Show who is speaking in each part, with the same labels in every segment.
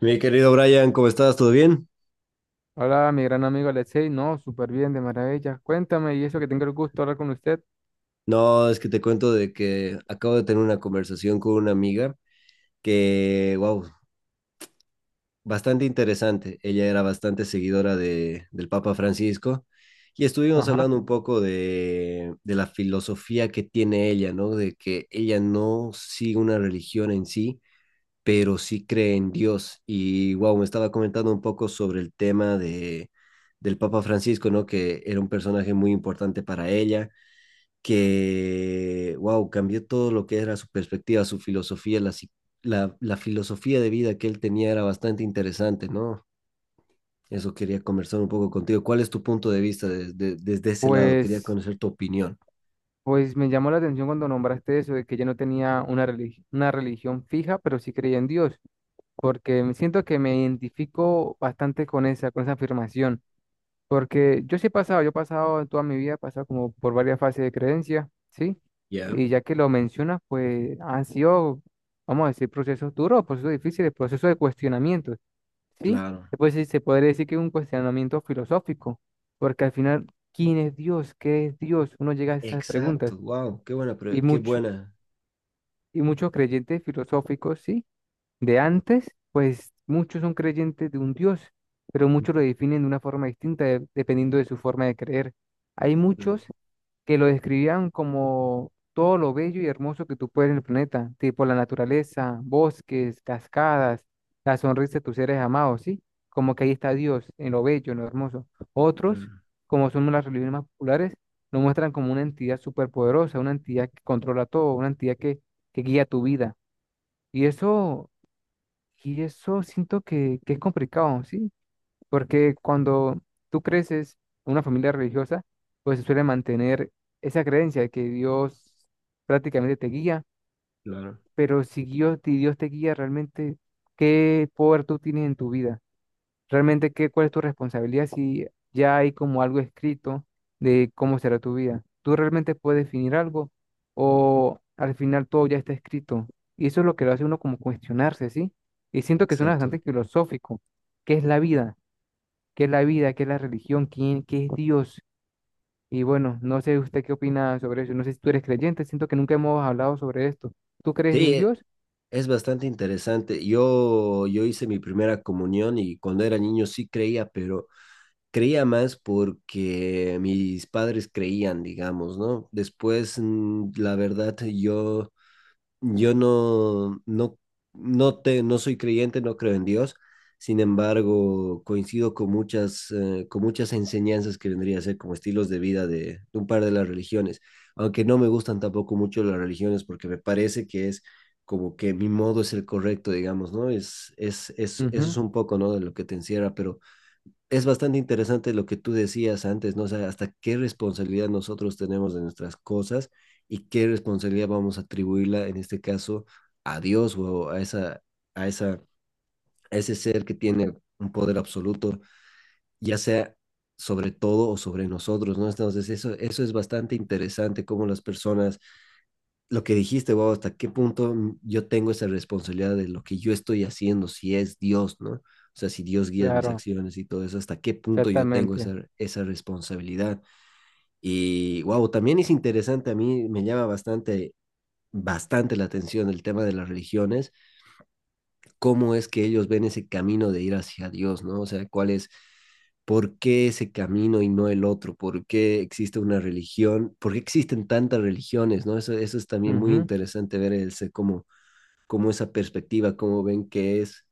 Speaker 1: Mi querido Brian, ¿cómo estás? ¿Todo bien?
Speaker 2: Hola, mi gran amigo Alexei. No, súper bien, de maravilla. Cuéntame, y eso que tengo el gusto de hablar con usted.
Speaker 1: No, es que te cuento de que acabo de tener una conversación con una amiga que, wow, bastante interesante. Ella era bastante seguidora del Papa Francisco y estuvimos
Speaker 2: Ajá.
Speaker 1: hablando un poco de la filosofía que tiene ella, ¿no? De que ella no sigue una religión en sí, pero sí cree en Dios. Y, wow, me estaba comentando un poco sobre el tema de, del Papa Francisco, ¿no? Que era un personaje muy importante para ella que, wow, cambió todo lo que era su perspectiva, su filosofía, la, si- la filosofía de vida que él tenía era bastante interesante, ¿no? Eso quería conversar un poco contigo. ¿Cuál es tu punto de vista desde ese lado? Quería
Speaker 2: Pues,
Speaker 1: conocer tu opinión.
Speaker 2: pues, me llamó la atención cuando nombraste eso de que yo no tenía una religión fija, pero sí creía en Dios, porque me siento que me identifico bastante con esa afirmación. Porque yo sí he pasado, yo he pasado en toda mi vida, he pasado como por varias fases de creencia, ¿sí?
Speaker 1: Ya,
Speaker 2: Y ya que lo mencionas, pues han sido, vamos a decir, procesos duros, procesos difíciles, procesos de cuestionamiento, ¿sí?
Speaker 1: claro,
Speaker 2: Después sí se podría decir que es un cuestionamiento filosófico, porque al final, ¿quién es Dios? ¿Qué es Dios? Uno llega a esas preguntas.
Speaker 1: exacto, wow,
Speaker 2: Y,
Speaker 1: qué
Speaker 2: mucho,
Speaker 1: buena.
Speaker 2: y muchos creyentes filosóficos, ¿sí?, de antes, pues muchos son creyentes de un Dios, pero muchos lo definen de una forma distinta, dependiendo de su forma de creer. Hay
Speaker 1: Mm,
Speaker 2: muchos que lo describían como todo lo bello y hermoso que tú puedes en el planeta, tipo la naturaleza, bosques, cascadas, la sonrisa de tus seres amados, ¿sí? Como que ahí está Dios, en lo bello, en lo hermoso. Otros,
Speaker 1: claro,
Speaker 2: como son las religiones más populares, lo muestran como una entidad superpoderosa, una entidad que controla todo, una entidad que, guía tu vida. Y eso y eso siento que es complicado, ¿sí? Porque cuando tú creces en una familia religiosa, pues se suele mantener esa creencia de que Dios prácticamente te guía,
Speaker 1: claro.
Speaker 2: pero si Dios, si Dios te guía realmente, ¿qué poder tú tienes en tu vida? Realmente qué, cuál es tu responsabilidad si ya hay como algo escrito de cómo será tu vida. Tú realmente puedes definir algo o al final todo ya está escrito. Y eso es lo que lo hace uno como cuestionarse, ¿sí? Y siento que suena bastante
Speaker 1: Exacto.
Speaker 2: filosófico. ¿Qué es la vida? ¿Qué es la vida? ¿Qué es la religión? ¿Quién, qué es Dios? Y bueno, no sé usted qué opina sobre eso. No sé si tú eres creyente. Siento que nunca hemos hablado sobre esto. ¿Tú crees en
Speaker 1: Sí,
Speaker 2: un Dios?
Speaker 1: es bastante interesante. Yo hice mi primera comunión y cuando era niño sí creía, pero creía más porque mis padres creían, digamos, ¿no? Después, la verdad, yo no, no, no, te, no soy creyente, no creo en Dios. Sin embargo, coincido con con muchas enseñanzas que vendría a ser como estilos de vida de un par de las religiones, aunque no me gustan tampoco mucho las religiones porque me parece que es como que mi modo es el correcto, digamos, ¿no? Eso es
Speaker 2: Ujú,
Speaker 1: un poco, ¿no? De lo que te encierra, pero es bastante interesante lo que tú decías antes, ¿no? O sea, hasta qué responsabilidad nosotros tenemos de nuestras cosas y qué responsabilidad vamos a atribuirla, en este caso, a Dios o a, esa, a ese ser que tiene un poder absoluto, ya sea sobre todo o sobre nosotros, ¿no? Entonces, eso es bastante interesante, cómo las personas lo que dijiste, wow, hasta qué punto yo tengo esa responsabilidad de lo que yo estoy haciendo, si es Dios, ¿no? O sea, si Dios guía mis
Speaker 2: claro,
Speaker 1: acciones y todo eso, hasta qué punto yo tengo
Speaker 2: exactamente.
Speaker 1: esa responsabilidad. Y wow, también es interesante, a mí me llama bastante la atención el tema de las religiones, cómo es que ellos ven ese camino de ir hacia Dios, ¿no? O sea, por qué ese camino y no el otro, por qué existe una religión, por qué existen tantas religiones, ¿no? Eso es también muy
Speaker 2: Ujú,
Speaker 1: interesante ver ese, cómo como esa perspectiva, cómo ven que es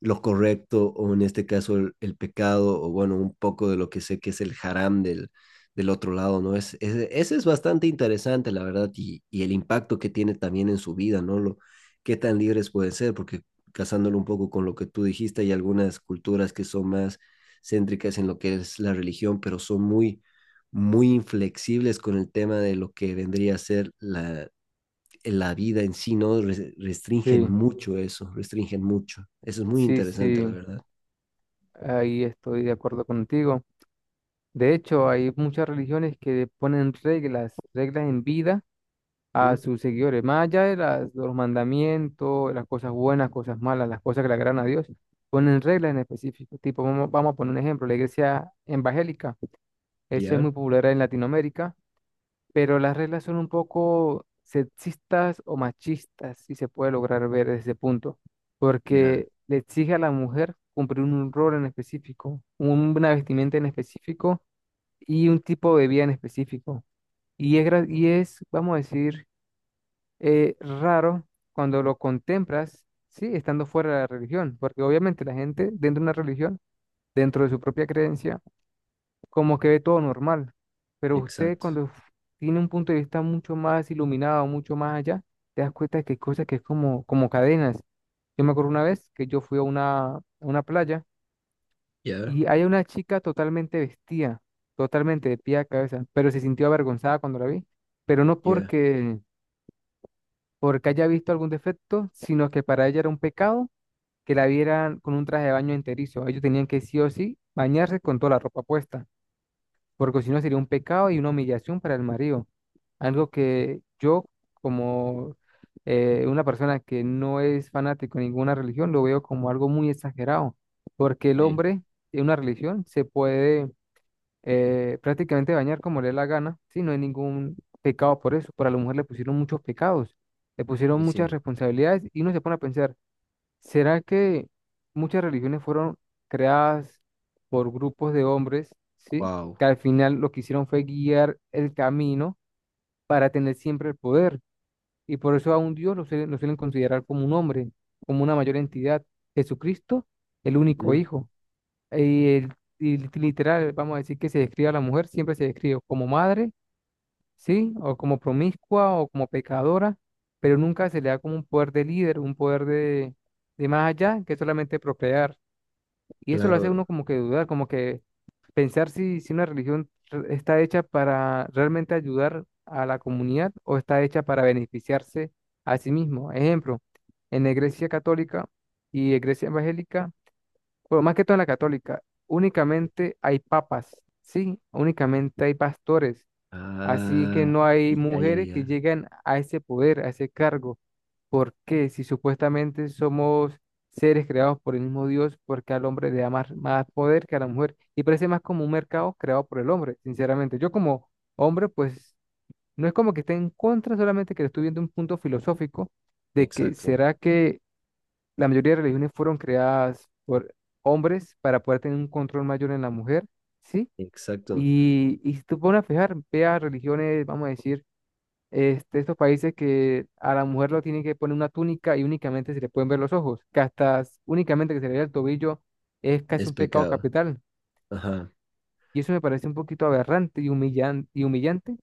Speaker 1: lo correcto o en este caso pecado o bueno, un poco de lo que sé que es el haram del, del otro lado, ¿no? Ese es bastante interesante, la verdad, y el impacto que tiene también en su vida, ¿no? Qué tan libres pueden ser, porque casándolo un poco con lo que tú dijiste, hay algunas culturas que son más céntricas en lo que es la religión, pero son muy inflexibles con el tema de lo que vendría a ser la vida en sí, ¿no?
Speaker 2: sí,
Speaker 1: Restringen mucho. Eso es muy
Speaker 2: sí,
Speaker 1: interesante, la
Speaker 2: sí.
Speaker 1: verdad.
Speaker 2: Ahí estoy de acuerdo contigo. De hecho, hay muchas religiones que ponen reglas, reglas en vida
Speaker 1: ¿Mm?
Speaker 2: a sus seguidores, más allá de de los mandamientos, las cosas buenas, cosas malas, las cosas que le agradan a Dios, ponen reglas en específico. Tipo, vamos a poner un ejemplo, la iglesia evangélica, eso es
Speaker 1: Ya,
Speaker 2: muy popular en Latinoamérica, pero las reglas son un poco sexistas o machistas, si se puede lograr ver desde ese punto,
Speaker 1: ya,
Speaker 2: porque le exige a la mujer cumplir un rol en específico, una vestimenta en específico y un tipo de vida en específico. Y es, vamos a decir, raro cuando lo contemplas, sí, estando fuera de la religión, porque obviamente la gente dentro de una religión, dentro de su propia creencia, como que ve todo normal. Pero usted
Speaker 1: exacto.
Speaker 2: tiene un punto de vista mucho más iluminado, mucho más allá, te das cuenta que hay cosas que es como, como cadenas. Yo me acuerdo una vez que yo fui a una playa
Speaker 1: Ya,
Speaker 2: y hay una chica totalmente vestida, totalmente de pie a cabeza, pero se sintió avergonzada cuando la vi, pero no
Speaker 1: ya,
Speaker 2: porque haya visto algún defecto, sino que para ella era un pecado que la vieran con un traje de baño enterizo. Ellos tenían que sí o sí bañarse con toda la ropa puesta, porque si no sería un pecado y una humillación para el marido. Algo que yo, como una persona que no es fanático de ninguna religión, lo veo como algo muy exagerado, porque el
Speaker 1: sí,
Speaker 2: hombre en una religión se puede prácticamente bañar como le dé la gana, si no hay ningún pecado por eso. Pero a la mujer le pusieron muchos pecados, le pusieron
Speaker 1: y sí.
Speaker 2: muchas responsabilidades y uno se pone a pensar. ¿Será que muchas religiones fueron creadas por grupos de hombres, ¿sí?
Speaker 1: Wow.
Speaker 2: Que al final lo que hicieron fue guiar el camino para tener siempre el poder. Y por eso a un Dios lo suelen considerar como un hombre, como una mayor entidad. Jesucristo, el único
Speaker 1: Ujú,
Speaker 2: hijo. Y, el, y literal, vamos a decir que se describe a la mujer, siempre se describe como madre, ¿sí? O como promiscua o como pecadora, pero nunca se le da como un poder de líder, un poder de más allá que solamente procrear. Y eso lo hace
Speaker 1: claro.
Speaker 2: uno como que dudar, como que pensar si una religión está hecha para realmente ayudar a la comunidad o está hecha para beneficiarse a sí mismo. Ejemplo, en la Iglesia Católica y Iglesia Evangélica, bueno, más que todo en la católica, únicamente hay papas, ¿sí? Únicamente hay pastores. Así que
Speaker 1: Ah,
Speaker 2: no hay
Speaker 1: ya, ya,
Speaker 2: mujeres que
Speaker 1: ya.
Speaker 2: lleguen a ese poder, a ese cargo. ¿Por qué? Si supuestamente somos seres creados por el mismo Dios, ¿por qué al hombre le da más, más poder que a la mujer? Y parece más como un mercado creado por el hombre, sinceramente. Yo como hombre, pues no es como que esté en contra, solamente que le estoy viendo un punto filosófico de que
Speaker 1: Exacto,
Speaker 2: será que la mayoría de religiones fueron creadas por hombres para poder tener un control mayor en la mujer, ¿sí?
Speaker 1: exacto.
Speaker 2: Y si tú pones a fijar, vea religiones, vamos a decir, estos países que a la mujer lo tienen que poner una túnica y únicamente se le pueden ver los ojos, que hasta únicamente que se le vea el tobillo es casi
Speaker 1: Es
Speaker 2: un pecado
Speaker 1: pecado.
Speaker 2: capital.
Speaker 1: Ajá.
Speaker 2: Y eso me parece un poquito aberrante y humillante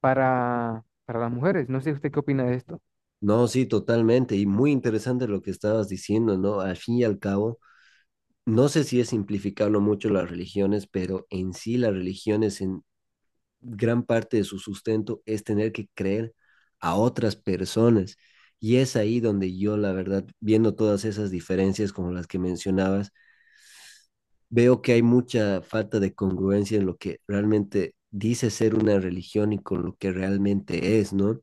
Speaker 2: para las mujeres. No sé usted qué opina de esto.
Speaker 1: No, sí, totalmente. Y muy interesante lo que estabas diciendo, ¿no? Al fin y al cabo, no sé si es simplificarlo mucho las religiones, pero en sí las religiones en, gran parte de su sustento es tener que creer a otras personas. Y es ahí donde yo, la verdad, viendo todas esas diferencias como las que mencionabas, veo que hay mucha falta de congruencia en lo que realmente dice ser una religión y con lo que realmente es, ¿no?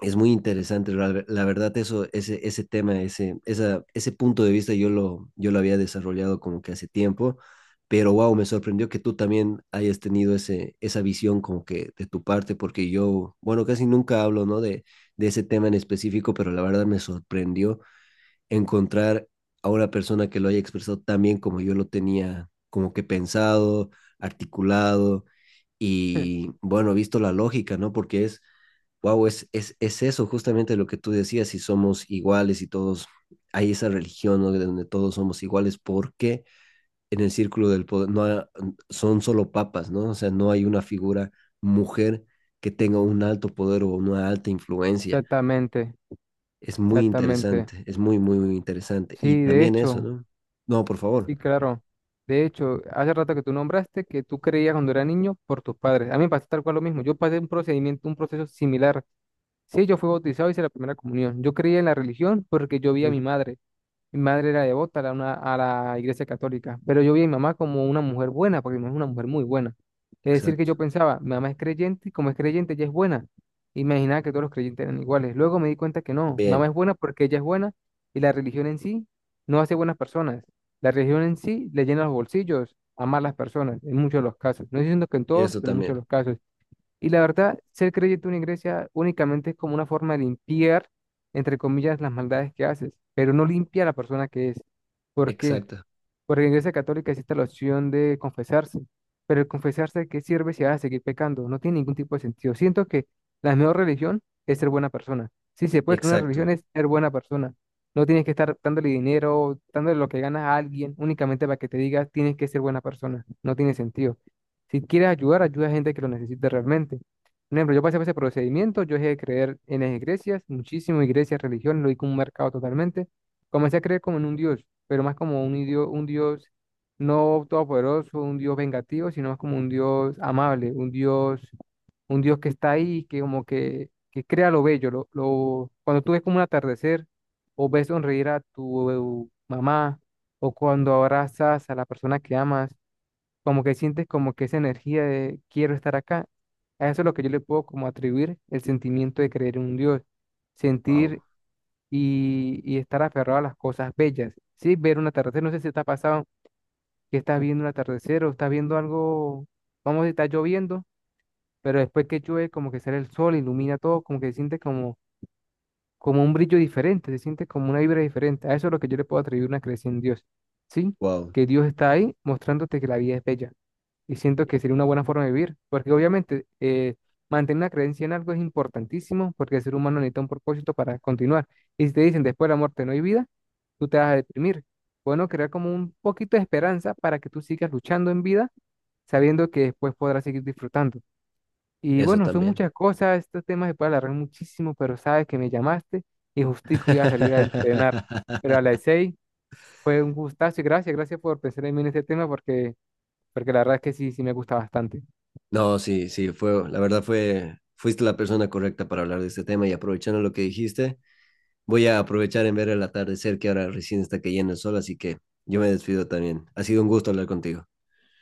Speaker 1: Es muy interesante, la verdad, ese tema, ese punto de vista yo lo había desarrollado como que hace tiempo, pero wow, me sorprendió que tú también hayas tenido esa visión como que de tu parte, porque yo, bueno, casi nunca hablo, ¿no? De ese tema en específico, pero la verdad me sorprendió encontrar a una persona que lo haya expresado tan bien como yo lo tenía como que pensado, articulado y bueno, visto la lógica, ¿no? Porque es wow, es eso justamente lo que tú decías, si somos iguales y todos, hay esa religión ¿no? de donde todos somos iguales, porque en el círculo del poder no ha- son solo papas, ¿no? O sea, no hay una figura mujer que tenga un alto poder o una alta influencia.
Speaker 2: Exactamente,
Speaker 1: Es muy
Speaker 2: exactamente.
Speaker 1: interesante, es muy interesante. Y
Speaker 2: Sí, de
Speaker 1: también eso,
Speaker 2: hecho,
Speaker 1: ¿no? No, por favor.
Speaker 2: sí, claro. De hecho, hace rato que tú nombraste que tú creías cuando era niño por tus padres. A mí me pasó tal cual lo mismo. Yo pasé un procedimiento, un proceso similar. Sí, yo fui bautizado, hice la primera comunión. Yo creía en la religión porque yo vi a
Speaker 1: Mm,
Speaker 2: mi madre. Mi madre era devota a la iglesia católica, pero yo vi a mi mamá como una mujer buena, porque mi mamá es una mujer muy buena. Es decir, que
Speaker 1: exacto.
Speaker 2: yo pensaba, mi mamá es creyente y como es creyente, ella es buena. Imaginaba que todos los creyentes eran iguales. Luego me di cuenta que no, mi
Speaker 1: Bien,
Speaker 2: mamá es buena porque ella es buena y la religión en sí no hace buenas personas. La religión en sí le llena los bolsillos a malas personas, en muchos de los casos. No diciendo que en
Speaker 1: y
Speaker 2: todos,
Speaker 1: eso
Speaker 2: pero en muchos de
Speaker 1: también.
Speaker 2: los casos. Y la verdad, ser creyente en una iglesia únicamente es como una forma de limpiar, entre comillas, las maldades que haces, pero no limpia a la persona que es. ¿Por qué?
Speaker 1: Exacto,
Speaker 2: Porque en la Iglesia Católica existe la opción de confesarse, pero el confesarse, ¿de qué sirve si vas a seguir pecando? No tiene ningún tipo de sentido. Siento que la mejor religión es ser buena persona. Si se puede crear una
Speaker 1: exacto.
Speaker 2: religión es ser buena persona. No tienes que estar dándole dinero, dándole lo que ganas a alguien únicamente para que te diga tienes que ser buena persona. No tiene sentido. Si quieres ayudar, ayuda a gente que lo necesite realmente. Por ejemplo, yo pasé por ese procedimiento, yo dejé de creer en las iglesias, muchísimas iglesias, religiones, lo vi como un mercado totalmente. Comencé a creer como en un dios, pero más como un dios no todopoderoso, un dios vengativo, sino más como un dios amable, un dios que está ahí, que como que crea lo bello, cuando tú ves como un atardecer, o ves sonreír a tu mamá, o cuando abrazas a la persona que amas, como que sientes como que esa energía de quiero estar acá. A eso es lo que yo le puedo como atribuir el sentimiento de creer en un dios,
Speaker 1: Wow,
Speaker 2: sentir y estar aferrado a las cosas bellas. Sí, ver un atardecer, no sé si te ha pasado que estás viendo un atardecer o estás viendo algo, vamos a decir, está lloviendo, pero después que llueve, como que sale el sol, ilumina todo, como que se siente como, como un brillo diferente, se siente como una vibra diferente. A eso es lo que yo le puedo atribuir una creencia en Dios, ¿sí?
Speaker 1: wow,
Speaker 2: Que Dios está ahí mostrándote que la vida es bella. Y siento que sería una buena forma de vivir, porque obviamente mantener una creencia en algo es importantísimo, porque el ser humano necesita un propósito para continuar. Y si te dicen después de la muerte no hay vida, tú te vas a deprimir. Bueno, crear como un poquito de esperanza para que tú sigas luchando en vida, sabiendo que después podrás seguir disfrutando. Y
Speaker 1: eso
Speaker 2: bueno, son
Speaker 1: también.
Speaker 2: muchas cosas, estos temas se puede alargar muchísimo, pero sabes que me llamaste y justico iba a salir a entrenar. Pero a las 6:00 fue un gustazo y gracias, gracias por pensar en mí en este tema porque, porque la verdad es que sí, sí me gusta bastante.
Speaker 1: No, sí, sí, fue, la verdad fue, fuiste la persona correcta para hablar de este tema y aprovechando lo que dijiste, voy a aprovechar en ver el atardecer que ahora recién está cayendo el sol, así que yo me despido también. Ha sido un gusto hablar contigo.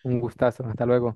Speaker 2: Un gustazo, hasta luego.